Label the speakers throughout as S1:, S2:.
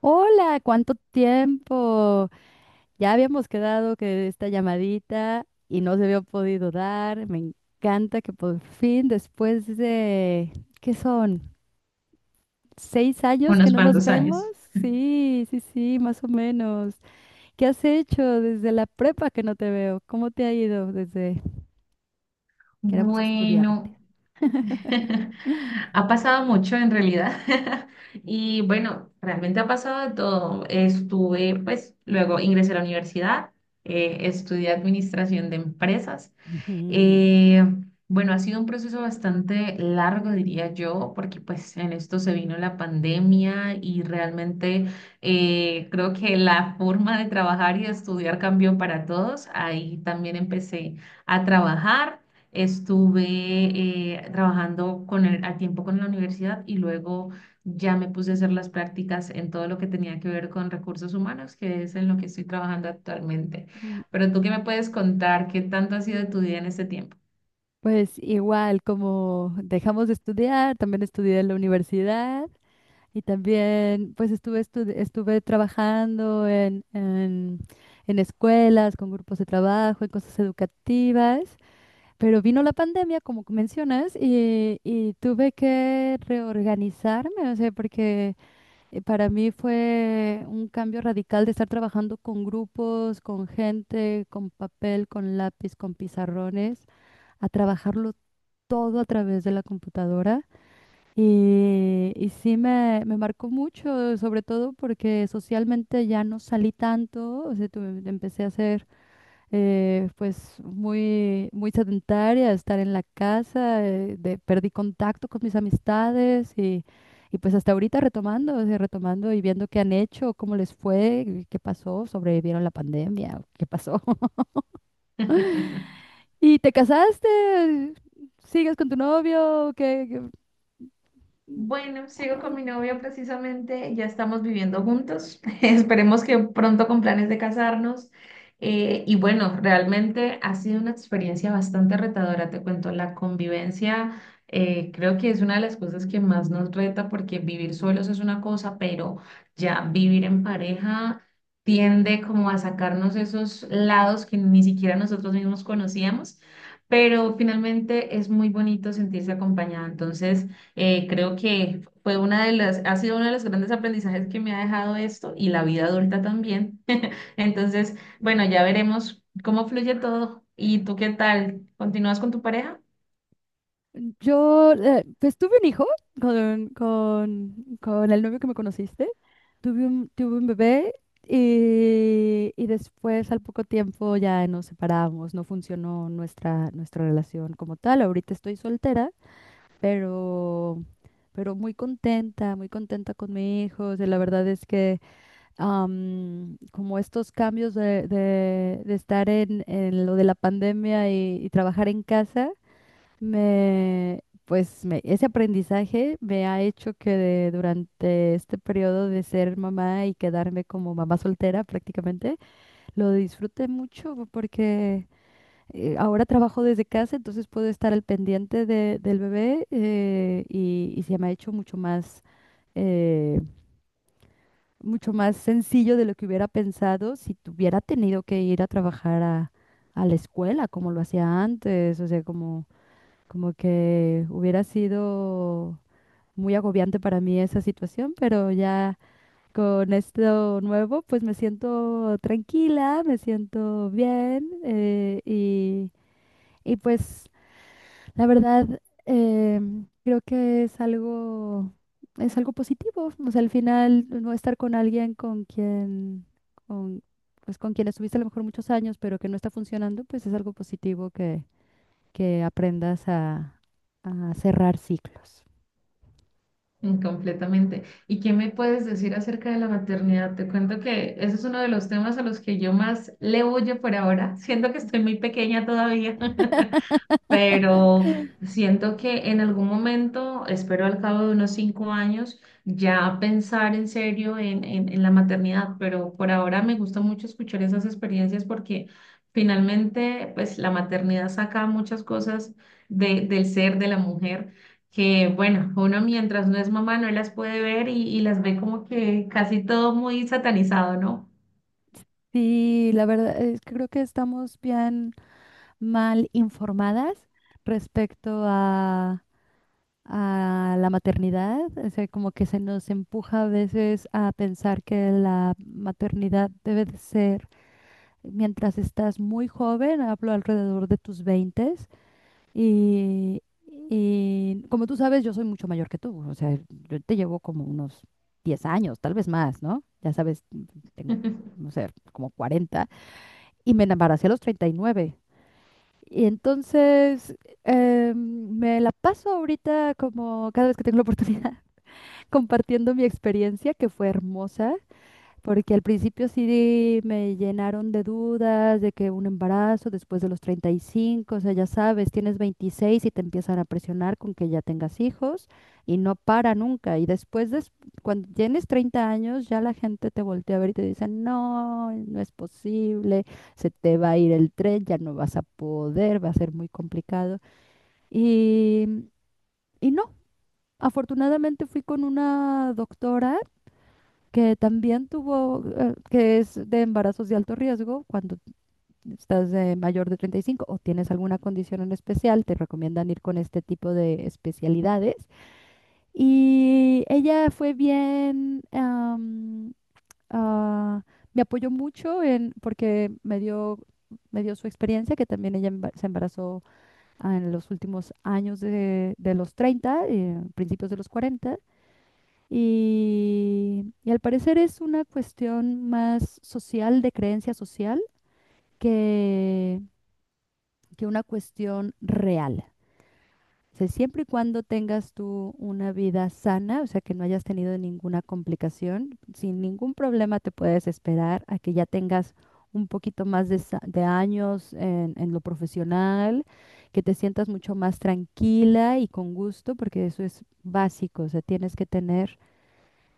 S1: Hola, ¿cuánto tiempo? Ya habíamos quedado que esta llamadita y no se había podido dar. Me encanta que por fin, después de, ¿qué son? ¿Seis años que
S2: Unos
S1: no nos
S2: cuantos
S1: vemos?
S2: años.
S1: Sí, sí, sí, más o menos. ¿Qué has hecho desde la prepa que no te veo? ¿Cómo te ha ido desde que éramos estudiantes?
S2: Bueno, ha pasado mucho en realidad. Y bueno, realmente ha pasado de todo. Estuve, pues, luego ingresé a la universidad, estudié administración de empresas.
S1: Ujú.
S2: Eh, bueno, ha sido un proceso bastante largo, diría yo, porque pues en esto se vino la pandemia y realmente creo que la forma de trabajar y de estudiar cambió para todos. Ahí también empecé a trabajar. Estuve trabajando con el, a tiempo con la universidad, y luego ya me puse a hacer las prácticas en todo lo que tenía que ver con recursos humanos, que es en lo que estoy trabajando actualmente.
S1: Mm,
S2: Pero tú qué me puedes contar, qué tanto ha sido tu día en este tiempo.
S1: pues igual, como dejamos de estudiar, también estudié en la universidad. Y también, pues estuve, estuve trabajando en escuelas, con grupos de trabajo, en cosas educativas, pero vino la pandemia, como que mencionas, y, tuve que reorganizarme, o sea, porque para mí fue un cambio radical de estar trabajando con grupos, con gente, con papel, con lápiz, con pizarrones, a trabajarlo todo a través de la computadora. Y sí me marcó mucho, sobre todo porque socialmente ya no salí tanto, o sea, empecé a ser pues muy sedentaria, estar en la casa, perdí contacto con mis amistades y pues hasta ahorita retomando, o sea, retomando y viendo qué han hecho, cómo les fue, y qué pasó, sobrevivieron la pandemia, o qué pasó. ¿Y te casaste? ¿Sigues con tu novio? ¿Qué,
S2: Bueno, sigo con mi novio precisamente, ya estamos viviendo juntos, esperemos que pronto con planes de casarnos. Y bueno, realmente ha sido una experiencia bastante retadora, te cuento, la convivencia creo que es una de las cosas que más nos reta porque vivir solos es una cosa, pero ya vivir en pareja tiende como a sacarnos esos lados que ni siquiera nosotros mismos conocíamos, pero finalmente es muy bonito sentirse acompañada. Entonces creo que fue una de ha sido uno de los grandes aprendizajes que me ha dejado esto, y la vida adulta también. Entonces,
S1: Ay.
S2: bueno, ya veremos cómo fluye todo. ¿Y tú qué tal? ¿Continúas con tu pareja?
S1: Yo, pues tuve un hijo con, con, con el novio que me conociste. Tuve tuve un bebé y después al poco tiempo ya nos separamos. No funcionó nuestra relación como tal. Ahorita estoy soltera, pero, pero muy contenta con mi hijo. O sea, la verdad es que como estos cambios de estar en lo de la pandemia y trabajar en casa. Ese aprendizaje me ha hecho durante este periodo de ser mamá y quedarme como mamá soltera prácticamente, lo disfruté mucho porque ahora trabajo desde casa, entonces puedo estar al pendiente del bebé y se me ha hecho eh, mucho más sencillo de lo que hubiera pensado si tuviera tenido que ir a trabajar a la escuela como lo hacía antes, o sea, como... Como que hubiera sido muy agobiante para mí esa situación, pero ya con esto nuevo, pues me siento tranquila, me siento bien y pues la verdad eh, creo que es algo positivo. O sea, al final no estar con alguien con quien, con, pues con quien estuviste a lo mejor muchos años, pero que no está funcionando, pues es algo positivo que aprendas a cerrar ciclos.
S2: Mm, completamente. ¿Y qué me puedes decir acerca de la maternidad? Te cuento que ese es uno de los temas a los que yo más le huyo por ahora. Siento que estoy muy pequeña todavía. Pero siento que en algún momento, espero al cabo de unos 5 años, ya pensar en serio en la maternidad, pero por ahora me gusta mucho escuchar esas experiencias porque finalmente, pues la maternidad saca muchas cosas de, del ser de la mujer. Que bueno, uno mientras no es mamá no las puede ver, y las ve como que casi todo muy satanizado, ¿no?
S1: Sí, la verdad es que creo que estamos bien mal informadas respecto a la maternidad. O sea, como que se nos empuja a veces a pensar que la maternidad debe de ser mientras estás muy joven, hablo alrededor de tus 20. Y, y como tú sabes, yo soy mucho mayor que tú, o sea, yo te llevo como unos 10 años, tal vez más, ¿no? Ya sabes, tengo, no sé, como 40 y me embaracé a los 39. Y nueve. Y entonces me la paso ahorita como cada vez que tengo la oportunidad compartiendo mi experiencia, que fue hermosa, porque al principio sí me llenaron de dudas de que un embarazo después de los 35, o sea, ya sabes, tienes 26 y te empiezan a presionar con que ya tengas hijos y no para nunca. Y después, cuando tienes 30 años, ya la gente te voltea a ver y te dice, no, no es posible, se te va a ir el tren, ya no vas a poder, va a ser muy complicado. Y, y no, afortunadamente fui con una doctora que también tuvo, que es de embarazos de alto riesgo cuando estás mayor de 35 o tienes alguna condición en especial, te recomiendan ir con este tipo de especialidades. Y ella fue bien, ah, me apoyó mucho en, porque me dio su experiencia, que también ella se embarazó en los últimos años de los 30, principios de los 40. Y al parecer es una cuestión más social, de creencia social, que, que una cuestión real. O sea, siempre y cuando tengas tú una vida sana, o sea, que no hayas tenido ninguna complicación, sin ningún problema te puedes esperar a que ya tengas un poquito más de, de años en lo profesional, que te sientas mucho más tranquila y con gusto, porque eso es básico, o sea, tienes que tener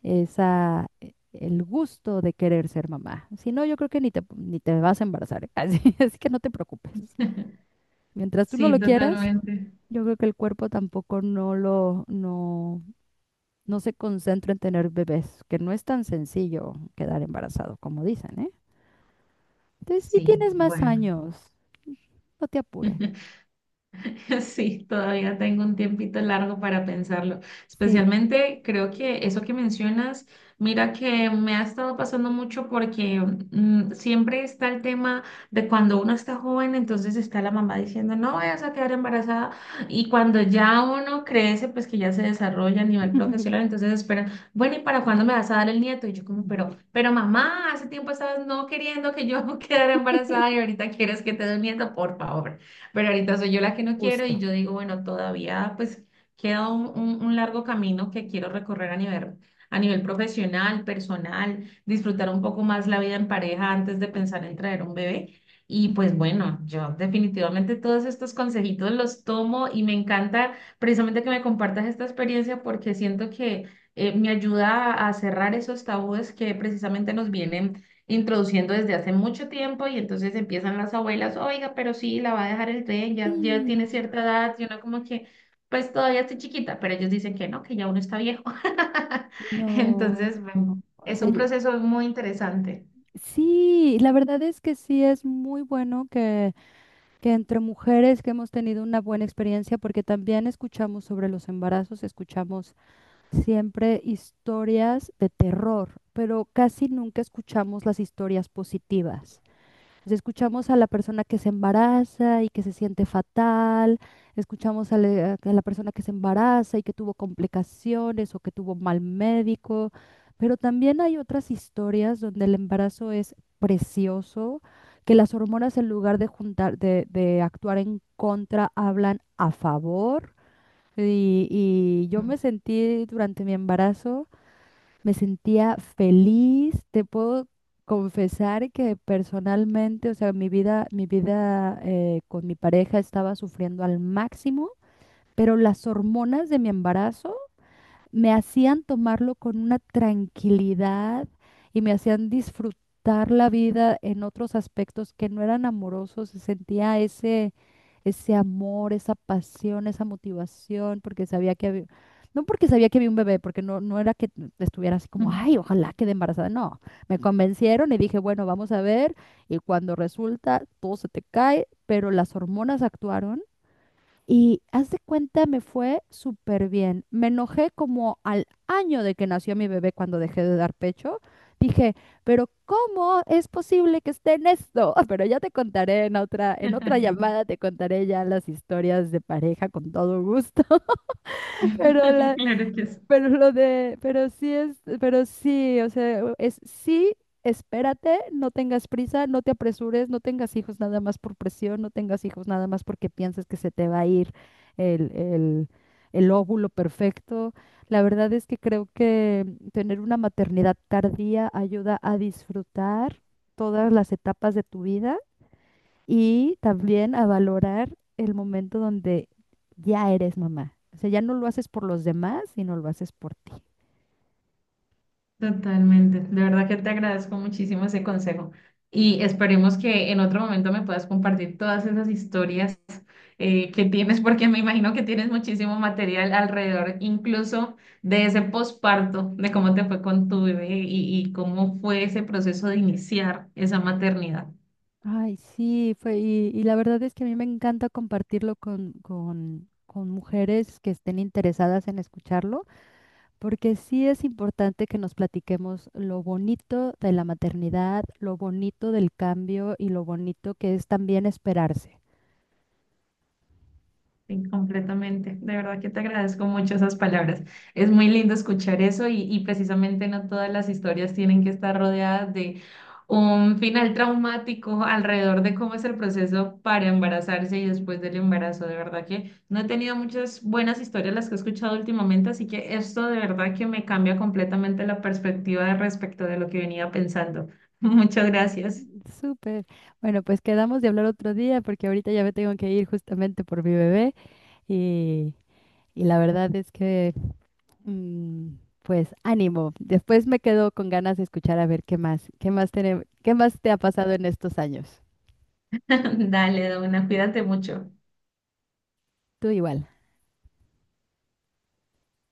S1: esa, el gusto de querer ser mamá. Si no, yo creo que ni te, ni te vas a embarazar, ¿eh? Así, así que no te preocupes. Mientras tú no
S2: Sí,
S1: lo quieras,
S2: totalmente.
S1: yo creo que el cuerpo tampoco no no, no se concentra en tener bebés, que no es tan sencillo quedar embarazado, como dicen, ¿eh? Entonces, si
S2: Sí,
S1: tienes más
S2: bueno.
S1: años, no te apures.
S2: Sí, todavía tengo un tiempito largo para pensarlo.
S1: Sí.
S2: Especialmente creo que eso que mencionas, mira que me ha estado pasando mucho porque siempre está el tema de cuando uno está joven, entonces está la mamá diciendo, no vayas a quedar embarazada. Y cuando ya uno crece, pues que ya se desarrolla a nivel profesional, entonces esperan, bueno, ¿y para cuándo me vas a dar el nieto? Y yo como,
S1: Ujú.
S2: pero mamá, hace tiempo estabas no queriendo que yo quedara embarazada, y ahorita quieres que te dé un nieto, por favor. Pero ahorita soy yo la que no quiero, y
S1: Justo.
S2: yo digo, bueno, todavía pues queda un largo camino que quiero recorrer a nivel profesional, personal, disfrutar un poco más la vida en pareja antes de pensar en traer un bebé. Y
S1: Ujú.
S2: pues bueno, yo definitivamente todos estos consejitos los tomo, y me encanta precisamente que me compartas esta experiencia porque siento que me ayuda a cerrar esos tabúes que precisamente nos vienen introduciendo desde hace mucho tiempo, y entonces empiezan las abuelas, oiga, pero sí, la va a dejar el tren,
S1: Sí,
S2: ya tiene cierta edad, y uno como que, pues todavía está chiquita, pero ellos dicen que no, que ya uno está viejo.
S1: no, no,
S2: Entonces, bueno,
S1: o
S2: es
S1: sea,
S2: un proceso muy interesante.
S1: sí, la verdad es que sí es muy bueno que entre mujeres que hemos tenido una buena experiencia, porque también escuchamos sobre los embarazos, escuchamos siempre historias de terror, pero casi nunca escuchamos las historias positivas. Pues escuchamos a la persona que se embaraza y que se siente fatal, escuchamos a a la persona que se embaraza y que tuvo complicaciones o que tuvo mal médico, pero también hay otras historias donde el embarazo es precioso, que las hormonas en lugar de juntar, de actuar en contra, hablan a favor. Y yo me sentí durante mi embarazo me sentía feliz. Te puedo confesar que personalmente, o sea, mi vida con mi pareja estaba sufriendo al máximo, pero las hormonas de mi embarazo me hacían tomarlo con una tranquilidad y me hacían disfrutar la vida en otros aspectos que no eran amorosos. Se sentía ese, ese amor, esa pasión, esa motivación, porque sabía que había, no porque sabía que había un bebé, porque no, no era que estuviera así como, ay, ojalá quede embarazada. No, me convencieron y dije, bueno, vamos a ver. Y cuando resulta, todo se te cae, pero las hormonas actuaron y haz de cuenta, me fue súper bien. Me enojé como al año de que nació mi bebé cuando dejé de dar pecho. Dije, pero ¿cómo es posible que esté en esto? Pero ya te contaré en otra llamada, te contaré ya las historias de pareja con todo gusto. Pero la,
S2: Claro que sí.
S1: pero lo de, pero sí es, pero sí, o sea, u- es sí, espérate, no tengas prisa, no te apresures, no tengas hijos nada más por presión, no tengas hijos nada más porque piensas que se te va a ir el, el, el óvulo perfecto. La verdad es que creo que tener una maternidad tardía ayuda a disfrutar todas las etapas de tu vida y también a valorar el momento donde ya eres mamá. O sea, ya no lo haces por los demás, sino lo haces por ti.
S2: Totalmente. De verdad que te agradezco muchísimo ese consejo, y esperemos que en otro momento me puedas compartir todas esas historias que tienes, porque me imagino que tienes muchísimo material alrededor, incluso de ese posparto, de cómo te fue con tu bebé y cómo fue ese proceso de iniciar esa maternidad.
S1: Ay, sí, fue, y la verdad es que a mí me encanta compartirlo con mujeres que estén interesadas en escucharlo, porque sí es importante que nos platiquemos lo bonito de la maternidad, lo bonito del cambio y lo bonito que es también esperarse.
S2: Sí, completamente. De verdad que te agradezco mucho esas palabras. Es muy lindo escuchar eso, y precisamente no todas las historias tienen que estar rodeadas de un final traumático alrededor de cómo es el proceso para embarazarse y después del embarazo. De verdad que no he tenido muchas buenas historias las que he escuchado últimamente, así que esto de verdad que me cambia completamente la perspectiva respecto de lo que venía pensando. Muchas gracias.
S1: Súper. Bueno, pues quedamos de hablar otro día porque ahorita ya me tengo que ir justamente por mi bebé y, y la verdad es que, mm, pues ánimo. Después me quedo con ganas de escuchar a ver qué más, qué más te ha pasado en estos años.
S2: Dale, Dona, cuídate mucho.
S1: Tú igual.